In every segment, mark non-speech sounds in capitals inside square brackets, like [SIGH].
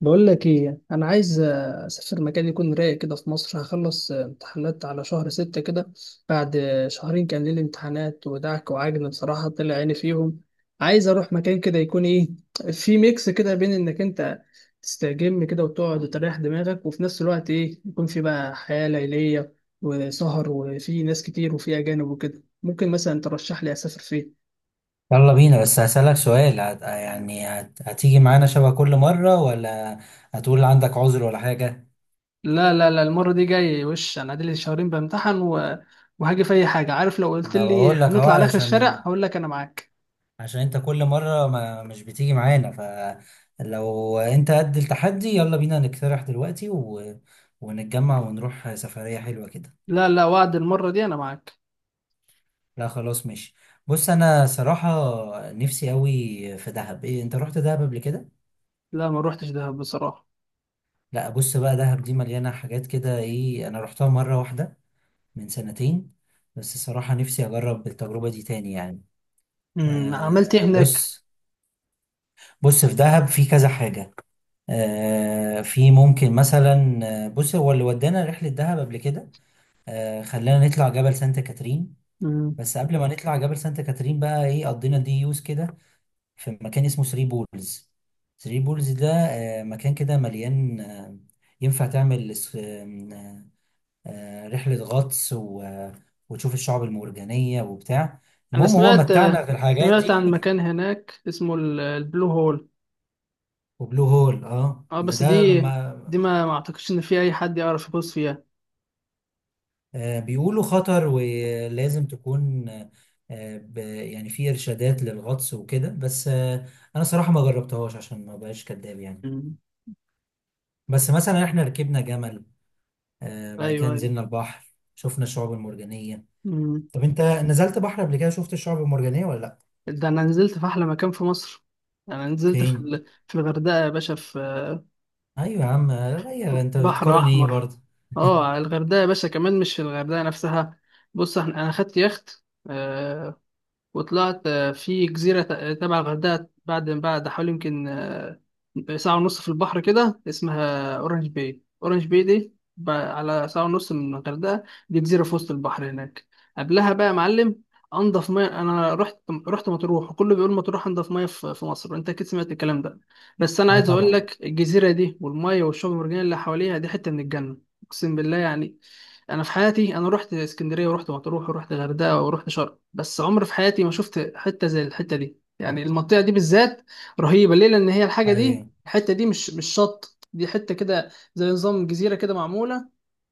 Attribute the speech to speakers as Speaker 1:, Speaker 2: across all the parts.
Speaker 1: بقول لك ايه. انا عايز اسافر مكان يكون رايق كده في مصر. هخلص امتحانات على شهر ستة كده. بعد شهرين كان لي امتحانات ودعك وعجن، بصراحة طلع عيني فيهم. عايز اروح مكان كده يكون ايه، في ميكس كده بين انك انت تستجم كده وتقعد وتريح دماغك، وفي نفس الوقت ايه يكون في بقى حياة ليلية وسهر وفي ناس كتير وفي اجانب وكده. ممكن مثلا ترشح لي اسافر فين؟
Speaker 2: يلا بينا، بس هسألك سؤال. هتيجي معانا شبه كل مرة، ولا هتقول عندك عذر ولا حاجة؟
Speaker 1: لا لا لا، المرة دي جاي. وش انا لي شهرين بامتحن وهاجي في اي حاجة، عارف؟ لو قلت
Speaker 2: انا
Speaker 1: لي
Speaker 2: بقول لك اهو
Speaker 1: هنطلع على اخر الشارع
Speaker 2: علشان
Speaker 1: هقول لك انا معاك.
Speaker 2: انت كل مرة ما مش بتيجي معانا. فلو انت قد التحدي، يلا بينا نقترح دلوقتي ونتجمع ونروح سفرية حلوة كده.
Speaker 1: لا لا، وعد المرة دي انا معاك.
Speaker 2: لا خلاص، ماشي. بص، انا صراحة نفسي قوي في دهب. ايه، انت رحت دهب قبل كده؟
Speaker 1: لا، ما روحتش دهب بصراحة.
Speaker 2: لا بص بقى، دهب دي مليانة حاجات كده. ايه، انا رحتها مرة واحدة من سنتين، بس الصراحة نفسي أجرب التجربة دي تاني يعني.
Speaker 1: عملت ايه
Speaker 2: أه
Speaker 1: هناك؟
Speaker 2: بص. بص، في دهب في كذا حاجة. أه في ممكن مثلا بص، هو اللي ودانا رحلة دهب قبل كده. أه، خلانا نطلع جبل سانت كاترين.
Speaker 1: امم
Speaker 2: بس قبل ما نطلع جبل سانت كاترين بقى، إيه، قضينا دي يوز كده في مكان اسمه ثري بولز. ثري بولز ده أه، مكان كده مليان ينفع تعمل رحلة غطس وتشوف الشعب المرجانية وبتاع.
Speaker 1: انا
Speaker 2: المهم، هو
Speaker 1: سمعت،
Speaker 2: متعنا في الحاجات
Speaker 1: سمعت عن
Speaker 2: دي [LAUGHS]
Speaker 1: مكان هناك اسمه البلو هول.
Speaker 2: وبلو هول، اه،
Speaker 1: اه،
Speaker 2: ما
Speaker 1: بس
Speaker 2: ده
Speaker 1: دي،
Speaker 2: ما
Speaker 1: دي ما اعتقدش ان في اي حد يعرف يغوص فيها.
Speaker 2: بيقولوا خطر، ولازم تكون يعني في إرشادات للغطس وكده، بس أنا صراحة ما جربتهاش عشان ما بقاش كداب يعني.
Speaker 1: امم
Speaker 2: بس مثلا احنا ركبنا جمل. بعد كده
Speaker 1: ايوه ايوه.
Speaker 2: نزلنا البحر، شفنا الشعاب المرجانية.
Speaker 1: امم
Speaker 2: طب انت نزلت بحر قبل كده، شفت الشعاب المرجانية ولا لأ؟
Speaker 1: ده انا نزلت في احلى مكان في مصر. انا نزلت في
Speaker 2: فين؟
Speaker 1: في الغردقة يا باشا، في
Speaker 2: ايوه يا عم، غير انت
Speaker 1: بحر
Speaker 2: بتقارن ايه
Speaker 1: احمر.
Speaker 2: برضه؟ [LAUGHS]
Speaker 1: اه، على الغردقه يا باشا، كمان مش في الغردقه نفسها. بص، احنا انا خدت يخت، آه، وطلعت في جزيرة تبع الغردقة بعد حوالي يمكن ساعة ونص في البحر كده، اسمها أورنج باي. أورنج باي دي على ساعة ونص من الغردقة. دي جزيرة في وسط البحر هناك. قبلها بقى يا معلم، أنضف مية أنا رحت، رحت مطروح، وكله بيقول مطروح أنضف مية في مصر، وأنت أكيد سمعت الكلام ده. بس أنا
Speaker 2: اه
Speaker 1: عايز أقول
Speaker 2: طبعا.
Speaker 1: لك، الجزيرة دي والمية والشعب المرجانية اللي حواليها دي حتة من الجنة. أقسم بالله يعني. انا في حياتي انا رحت اسكندريه ورحت مطروح ورحت الغردقه ورحت شرم، بس عمري في حياتي ما شفت حته زي الحته دي، يعني المنطقه دي بالذات. رهيبه ليه؟ لان هي الحاجه دي،
Speaker 2: ايوه
Speaker 1: الحته دي مش شط، دي حته كده زي نظام جزيره كده معموله.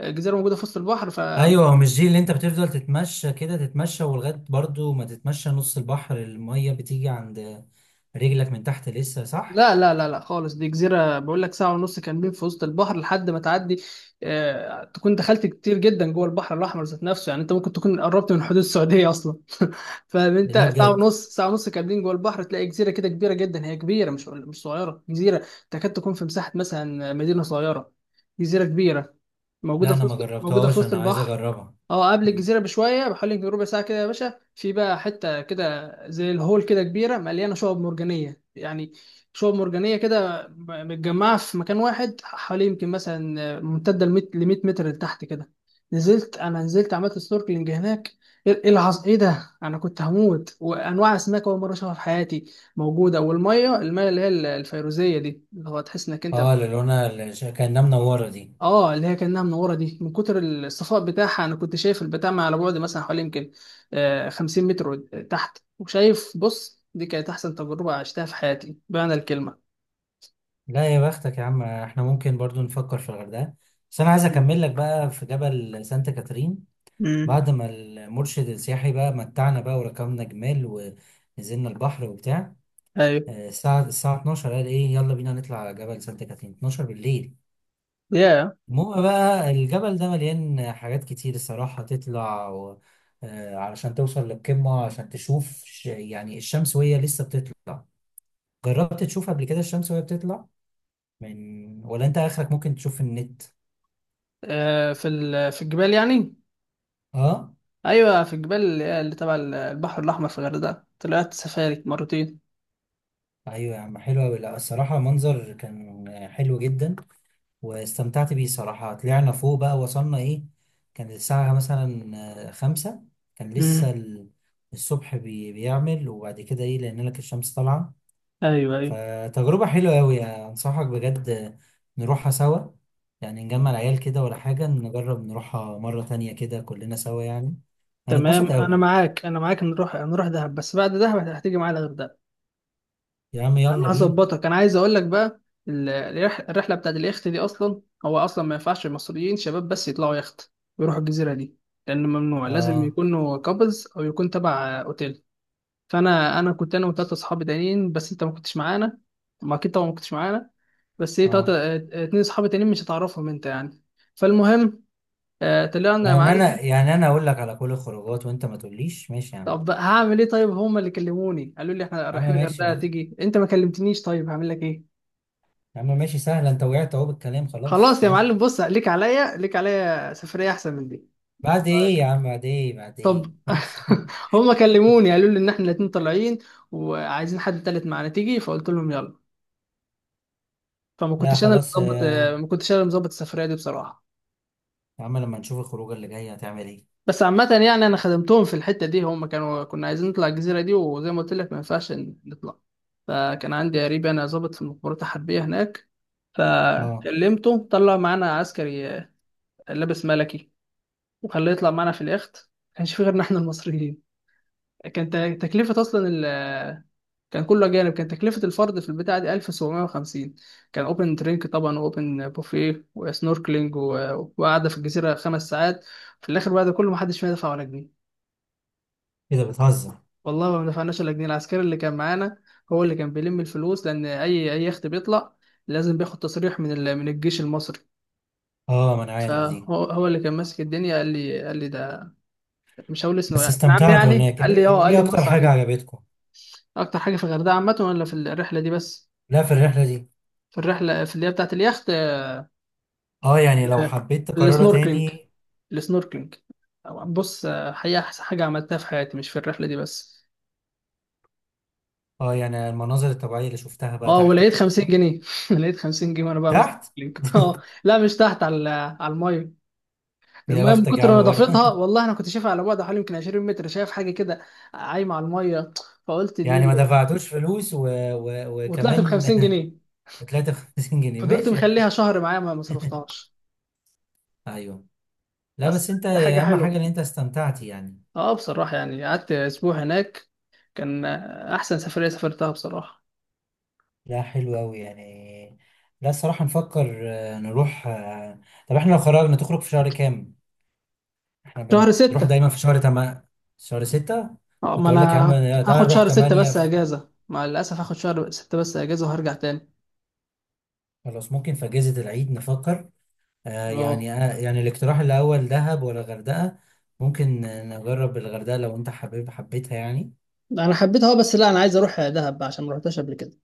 Speaker 1: جزيره موجوده في وسط البحر، ف-
Speaker 2: ايوه، هو مش دي اللي انت بتفضل تتمشى كده تتمشى، ولغايه برضه ما تتمشى نص البحر، الميه بتيجي عند رجلك من تحت لسه، صح؟
Speaker 1: لا لا لا لا خالص، دي جزيره بقول لك، ساعه ونص كاملين في وسط البحر، لحد ما تعدي تكون دخلت كتير جدا جوه البحر الاحمر ذات نفسه. يعني انت ممكن تكون قربت من حدود السعوديه اصلا، فاهم
Speaker 2: لا
Speaker 1: انت؟ ساعه
Speaker 2: بجد؟
Speaker 1: ونص، ساعه ونص كاملين جوه البحر، تلاقي جزيره كده كبيره جدا، هي كبيره مش صغيره جزيره، تكاد تكون في مساحه مثلا مدينه صغيره. جزيره كبيره
Speaker 2: لا
Speaker 1: موجوده
Speaker 2: انا
Speaker 1: في
Speaker 2: ما
Speaker 1: وسط، موجوده في
Speaker 2: جربتهاش،
Speaker 1: وسط
Speaker 2: انا عايز
Speaker 1: البحر.
Speaker 2: اجربها.
Speaker 1: اه، قبل
Speaker 2: مم.
Speaker 1: الجزيره بشويه، بحوالي يمكن ربع ساعه كده يا باشا، في بقى حته كده زي الهول كده، كبيره مليانه شعب مرجانيه يعني. شعب مرجانيه كده متجمعه في مكان واحد، حوالي يمكن مثلا ممتده ل 100 متر لتحت كده. نزلت، انا نزلت عملت سنوركلينج هناك. ايه، إيه العظ، ايه ده! انا كنت هموت. وانواع اسماك اول مره اشوفها في حياتي موجوده، والميه، الميه اللي هي الفيروزيه دي، اللي هو تحس انك انت،
Speaker 2: اه، للونة كأنها منورة دي.
Speaker 1: اه اللي هي كانها منوره دي، من كتر الصفاء بتاعها انا كنت شايف البتاع على بعد مثلا حوالي يمكن 50 متر تحت وشايف. بص، دي كانت احسن تجربه عشتها في حياتي بمعنى الكلمه.
Speaker 2: لا يا بختك يا عم، احنا ممكن برضو نفكر في الغردقة. بس انا عايز اكمل لك بقى في جبل سانت كاترين.
Speaker 1: امم
Speaker 2: بعد ما المرشد السياحي بقى متعنا بقى، وركبنا جمال ونزلنا البحر وبتاع.
Speaker 1: ايوه
Speaker 2: الساعة 12، قال ايه، يلا بينا نطلع على جبل سانت كاترين. 12 بالليل!
Speaker 1: يا
Speaker 2: المهم بقى، الجبل ده مليان حاجات كتير الصراحة. تطلع و... آه، علشان توصل للقمة، عشان تشوف يعني الشمس وهي لسه بتطلع. جربت تشوف قبل كده الشمس وهي بتطلع من؟ ولا انت اخرك ممكن تشوف في النت.
Speaker 1: في في الجبال يعني.
Speaker 2: اه،
Speaker 1: ايوه، في الجبال اللي اللي تبع البحر الاحمر في الغردقه، طلعت سفاري مرتين.
Speaker 2: ايوه يا عم، حلوة أوي. لا الصراحة منظر كان حلو جدا، واستمتعت بيه صراحة. طلعنا فوق بقى، وصلنا ايه، كان الساعة مثلا خمسة، كان لسه
Speaker 1: امم
Speaker 2: الصبح بيعمل، وبعد كده ايه، لأن لك الشمس طالعة.
Speaker 1: ايوه ايوه.
Speaker 2: فتجربة حلوة أوي، أنصحك بجد. نروحها سوا، يعني نجمع العيال كده ولا حاجة، نجرب نروحها مرة تانية كده كلنا سوا يعني. هنتبسط
Speaker 1: تمام، انا
Speaker 2: أوي.
Speaker 1: معاك انا معاك، نروح، نروح دهب، بس بعد دهب هتيجي معايا الغردقه.
Speaker 2: يا عم
Speaker 1: انا
Speaker 2: يلا بينا.
Speaker 1: هظبطك. انا عايز اقول لك بقى، الرحله بتاعت اليخت دي، اصلا هو اصلا ما ينفعش المصريين شباب بس يطلعوا يخت ويروحوا الجزيره دي، لان ممنوع، لازم
Speaker 2: اه
Speaker 1: يكونوا كابلز او يكون تبع اوتيل. فانا كنت انا وثلاثه اصحابي تانيين بس، انت ما كنتش معانا. ما اكيد طبعا ما كنتش معانا. بس ايه،
Speaker 2: اه،
Speaker 1: تلاتة، اتنين اصحابي تانيين مش هتعرفهم انت يعني. فالمهم، طلعنا يا
Speaker 2: يعني
Speaker 1: معلم.
Speaker 2: أنا، يعني أنا أقول لك على كل الخروجات وأنت ما تقوليش ماشي يا عم.
Speaker 1: طب هعمل ايه؟ طيب هما اللي كلموني، قالوا لي احنا
Speaker 2: يا عم
Speaker 1: رايحين
Speaker 2: ماشي يا
Speaker 1: الغردقه
Speaker 2: عم.
Speaker 1: تيجي، انت ما كلمتنيش، طيب هعمل لك ايه؟
Speaker 2: يا عم ماشي، سهل، انت وقعت اهو بالكلام، خلاص
Speaker 1: خلاص يا
Speaker 2: ماشي.
Speaker 1: معلم، بص ليك عليا، ليك عليا سفريه احسن من دي.
Speaker 2: بعد ايه
Speaker 1: طيب.
Speaker 2: يا عم بعد ايه بعد ايه
Speaker 1: طب
Speaker 2: ماشي
Speaker 1: [LAUGHS]
Speaker 2: [LAUGHS]
Speaker 1: هما كلموني، قالوا لي ان احنا الاتنين طالعين وعايزين حد تالت معانا تيجي، فقلت لهم يلا. فما
Speaker 2: لا
Speaker 1: كنتش انا اللي
Speaker 2: خلاص.
Speaker 1: مظبط، ما كنتش انا اللي مظبط السفريه دي بصراحه.
Speaker 2: يا عم لما نشوف الخروجه اللي جايه، هتعمل ايه.
Speaker 1: بس عامه يعني، انا خدمتهم في الحته دي. هما كانوا، كنا عايزين نطلع الجزيره دي، وزي ما قلت لك ما ينفعش نطلع. فكان عندي قريب انا، ظابط في المخابرات الحربيه هناك،
Speaker 2: اه،
Speaker 1: فكلمته طلع معانا عسكري، لابس ملكي، وخلاه يطلع معانا في اليخت. ما كانش في غيرنا احنا المصريين، كانت تكلفة أصلا ال كان كله أجانب، كان تكلفة الفرد في البتاعة دي 1750. كان أوبن درينك طبعا، وأوبن بوفيه وسنوركلينج وقعدة في الجزيرة 5 ساعات. في الآخر بعد كله، محدش فينا دفع ولا جنيه.
Speaker 2: ايه ده، بتهزر؟
Speaker 1: والله ما دفعناش ولا جنيه. العسكري اللي كان معانا هو اللي كان بيلم الفلوس، لأن أي يخت بيطلع لازم بياخد تصريح من من الجيش المصري.
Speaker 2: اه ما انا عارف دي.
Speaker 1: فهو، هو اللي كان ماسك الدنيا. قال لي، قال لي ده مش هقول اسمه
Speaker 2: بس
Speaker 1: يعني، نعم
Speaker 2: استمتعت
Speaker 1: يعني،
Speaker 2: هناك، ايه؟
Speaker 1: قال لي اه قال
Speaker 2: ايه
Speaker 1: لي
Speaker 2: اكتر
Speaker 1: مصر
Speaker 2: حاجه
Speaker 1: عليك.
Speaker 2: عجبتكم؟
Speaker 1: اكتر حاجه في الغردقه عامه ولا في الرحله دي بس؟
Speaker 2: لا، في الرحله دي.
Speaker 1: في الرحله، في اللي هي بتاعت اليخت.
Speaker 2: اه، يعني لو
Speaker 1: آه،
Speaker 2: حبيت تكررها
Speaker 1: السنوركلينج،
Speaker 2: تاني؟
Speaker 1: السنوركلينج. بص، حقيقه احسن حاجه عملتها في حياتي، مش في الرحله دي بس.
Speaker 2: اه، يعني المناظر الطبيعيه اللي شفتها بقى
Speaker 1: اه،
Speaker 2: تحت
Speaker 1: ولقيت
Speaker 2: وكده،
Speaker 1: 50
Speaker 2: صح؟
Speaker 1: جنيه [LAUGHS] لقيت 50 جنيه وانا بعمل
Speaker 2: تحت
Speaker 1: سنوركلينج. [LAUGHS] اه،
Speaker 2: [LAUGHS]
Speaker 1: لا مش تحت، على على الميه.
Speaker 2: يا
Speaker 1: الميه من
Speaker 2: بختك يا
Speaker 1: كتر
Speaker 2: عم برضه
Speaker 1: نظافتها،
Speaker 2: [LAUGHS]
Speaker 1: والله انا كنت شايفها على بعد حوالي يمكن 20 متر، شايف حاجه كده عايمه على الميه، فقلت دي،
Speaker 2: يعني ما دفعتوش فلوس
Speaker 1: وطلعت ب
Speaker 2: وكمان
Speaker 1: 50 جنيه.
Speaker 2: [LAUGHS] ب 53 جنيه،
Speaker 1: فضلت
Speaker 2: ماشي.
Speaker 1: مخليها شهر معايا ما صرفتهاش.
Speaker 2: ايوه. لا
Speaker 1: أصل
Speaker 2: بس انت،
Speaker 1: دي حاجة
Speaker 2: اهم حاجة
Speaker 1: حلوة.
Speaker 2: ان انت استمتعت يعني.
Speaker 1: اه، بصراحة يعني قعدت اسبوع هناك، كان احسن سفرية سافرتها بصراحة.
Speaker 2: لا حلو قوي يعني. لا الصراحة نفكر نروح طب احنا لو خرجنا، تخرج في شهر كام؟ احنا
Speaker 1: شهر
Speaker 2: بنروح
Speaker 1: ستة.
Speaker 2: دايما في شهر شهر ستة.
Speaker 1: اه،
Speaker 2: كنت
Speaker 1: ما انا
Speaker 2: اقول لك يا عم، تعالى
Speaker 1: هاخد
Speaker 2: نروح
Speaker 1: شهر ستة
Speaker 2: تمانية
Speaker 1: بس اجازة، مع الاسف هاخد شهر ستة بس اجازة وهرجع تاني.
Speaker 2: خلاص، ممكن في اجازة العيد نفكر. آه
Speaker 1: اه،
Speaker 2: يعني، آه يعني، الاقتراح الاول دهب ولا غردقة؟ ممكن نجرب الغردقة، لو انت حبيتها يعني.
Speaker 1: انا حبيتها اه، بس لا، انا عايز اروح دهب عشان ما رحتهاش قبل كده.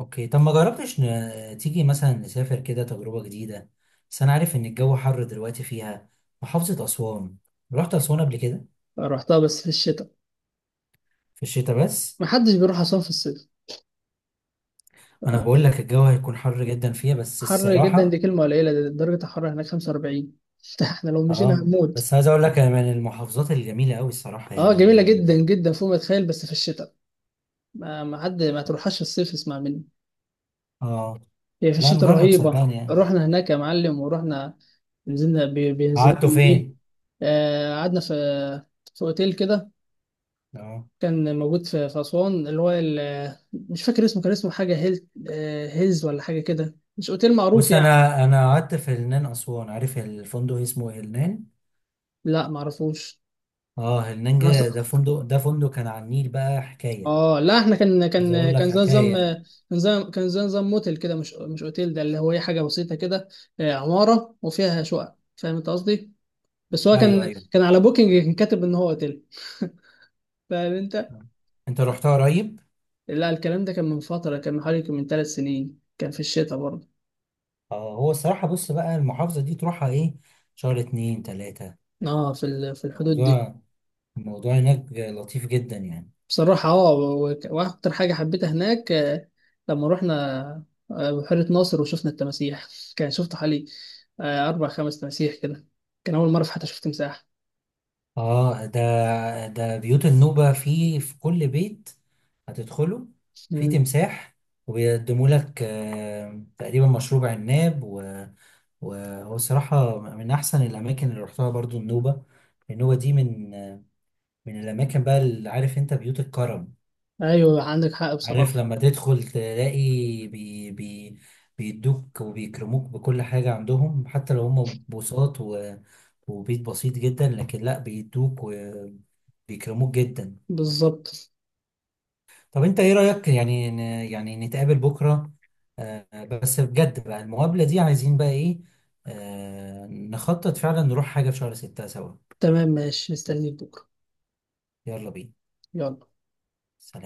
Speaker 2: اوكي، طب ما جربتش، تيجي مثلا نسافر كده تجربة جديدة. بس انا عارف ان الجو حر دلوقتي فيها. محافظة اسوان، رحت اسوان قبل كده؟
Speaker 1: رحتها بس في الشتاء.
Speaker 2: في الشتاء بس.
Speaker 1: ما حدش بيروح اصلا في الصيف.
Speaker 2: انا
Speaker 1: آه،
Speaker 2: بقول لك الجو هيكون حر جدا فيها، بس
Speaker 1: حر جدا دي
Speaker 2: الصراحة،
Speaker 1: كلمه قليله، ده درجه الحراره هناك 45. [LAUGHS] احنا لو مشينا
Speaker 2: اه،
Speaker 1: هنموت.
Speaker 2: بس عايز اقول لك هي من المحافظات الجميلة قوي الصراحة يعني،
Speaker 1: اه، جميلة
Speaker 2: من،
Speaker 1: جدا جدا فوق ما تتخيل، بس في الشتاء. ما تروحهاش في الصيف، اسمع مني.
Speaker 2: اه،
Speaker 1: هي في
Speaker 2: لا،
Speaker 1: الشتاء
Speaker 2: نجرب
Speaker 1: رهيبة.
Speaker 2: صدقني يعني.
Speaker 1: رحنا هناك يا معلم ورحنا، نزلنا
Speaker 2: قعدتوا
Speaker 1: بينزلوكم ايه،
Speaker 2: فين؟
Speaker 1: قعدنا في، في اوتيل كده،
Speaker 2: اه
Speaker 1: كان موجود في في أسوان، اللي هو مش فاكر اسمه، كان اسمه حاجة هيل، هيلز ولا حاجة كده، مش اوتيل معروف
Speaker 2: بص،
Speaker 1: يعني.
Speaker 2: انا قعدت في هلنان اسوان. عارف الفندق اسمه هلنان؟
Speaker 1: لا معرفوش.
Speaker 2: اه، هلنان، ده فندق كان على النيل بقى حكاية.
Speaker 1: اه، لا احنا كان
Speaker 2: عايز
Speaker 1: كان
Speaker 2: اقول لك
Speaker 1: كان زي نظام،
Speaker 2: حكايه.
Speaker 1: كان زي، كان زي نظام موتيل كده، مش اوتيل، ده اللي هو ايه، حاجه بسيطه كده، عماره وفيها شقق، فاهم انت قصدي؟ بس هو
Speaker 2: ايوه
Speaker 1: كان،
Speaker 2: ايوه،
Speaker 1: كان على بوكينج كان كاتب ان هو اوتيل. [LAUGHS] فاهم انت؟
Speaker 2: انت رحتها قريب؟
Speaker 1: لا الكلام ده كان من فتره، كان من حوالي من 3 سنين، كان في الشتاء برضه.
Speaker 2: اه، هو الصراحه بص بقى، المحافظه دي تروحها ايه، شهر اتنين تلاته.
Speaker 1: اه، في في الحدود دي.
Speaker 2: الموضوع الموضوع هناك لطيف جدا يعني.
Speaker 1: بصراحة اه وأكتر حاجة حبيتها هناك لما رحنا بحيرة ناصر وشفنا التماسيح. [LAUGHS] كان شفت حوالي 4 أو 5 تماسيح كده. كان أول مرة في حياتي شفت تمساح.
Speaker 2: اه ده، ده بيوت النوبه، في كل بيت هتدخله في
Speaker 1: مم.
Speaker 2: تمساح. وبيقدموا لك تقريبا مشروب عناب وهو الصراحة من أحسن الأماكن اللي رحتها برضو، النوبة دي من الأماكن بقى اللي، عارف أنت، بيوت الكرم.
Speaker 1: أيوة عندك حق
Speaker 2: عارف
Speaker 1: بصراحة.
Speaker 2: لما تدخل تلاقي، بي بي بيدوك وبيكرموك بكل حاجة عندهم، حتى لو هم بوساط وبيت بسيط جدا، لكن لا بيدوك وبيكرموك جدا.
Speaker 1: بالظبط.
Speaker 2: طب انت ايه رأيك يعني، يعني نتقابل بكرة؟ آه بس بجد بقى، المقابلة دي عايزين بقى ايه، آه، نخطط فعلا نروح حاجة في شهر ستة سوا.
Speaker 1: تمام ماشي، مستنيك بكرة.
Speaker 2: يلا بينا.
Speaker 1: يلا.
Speaker 2: سلام.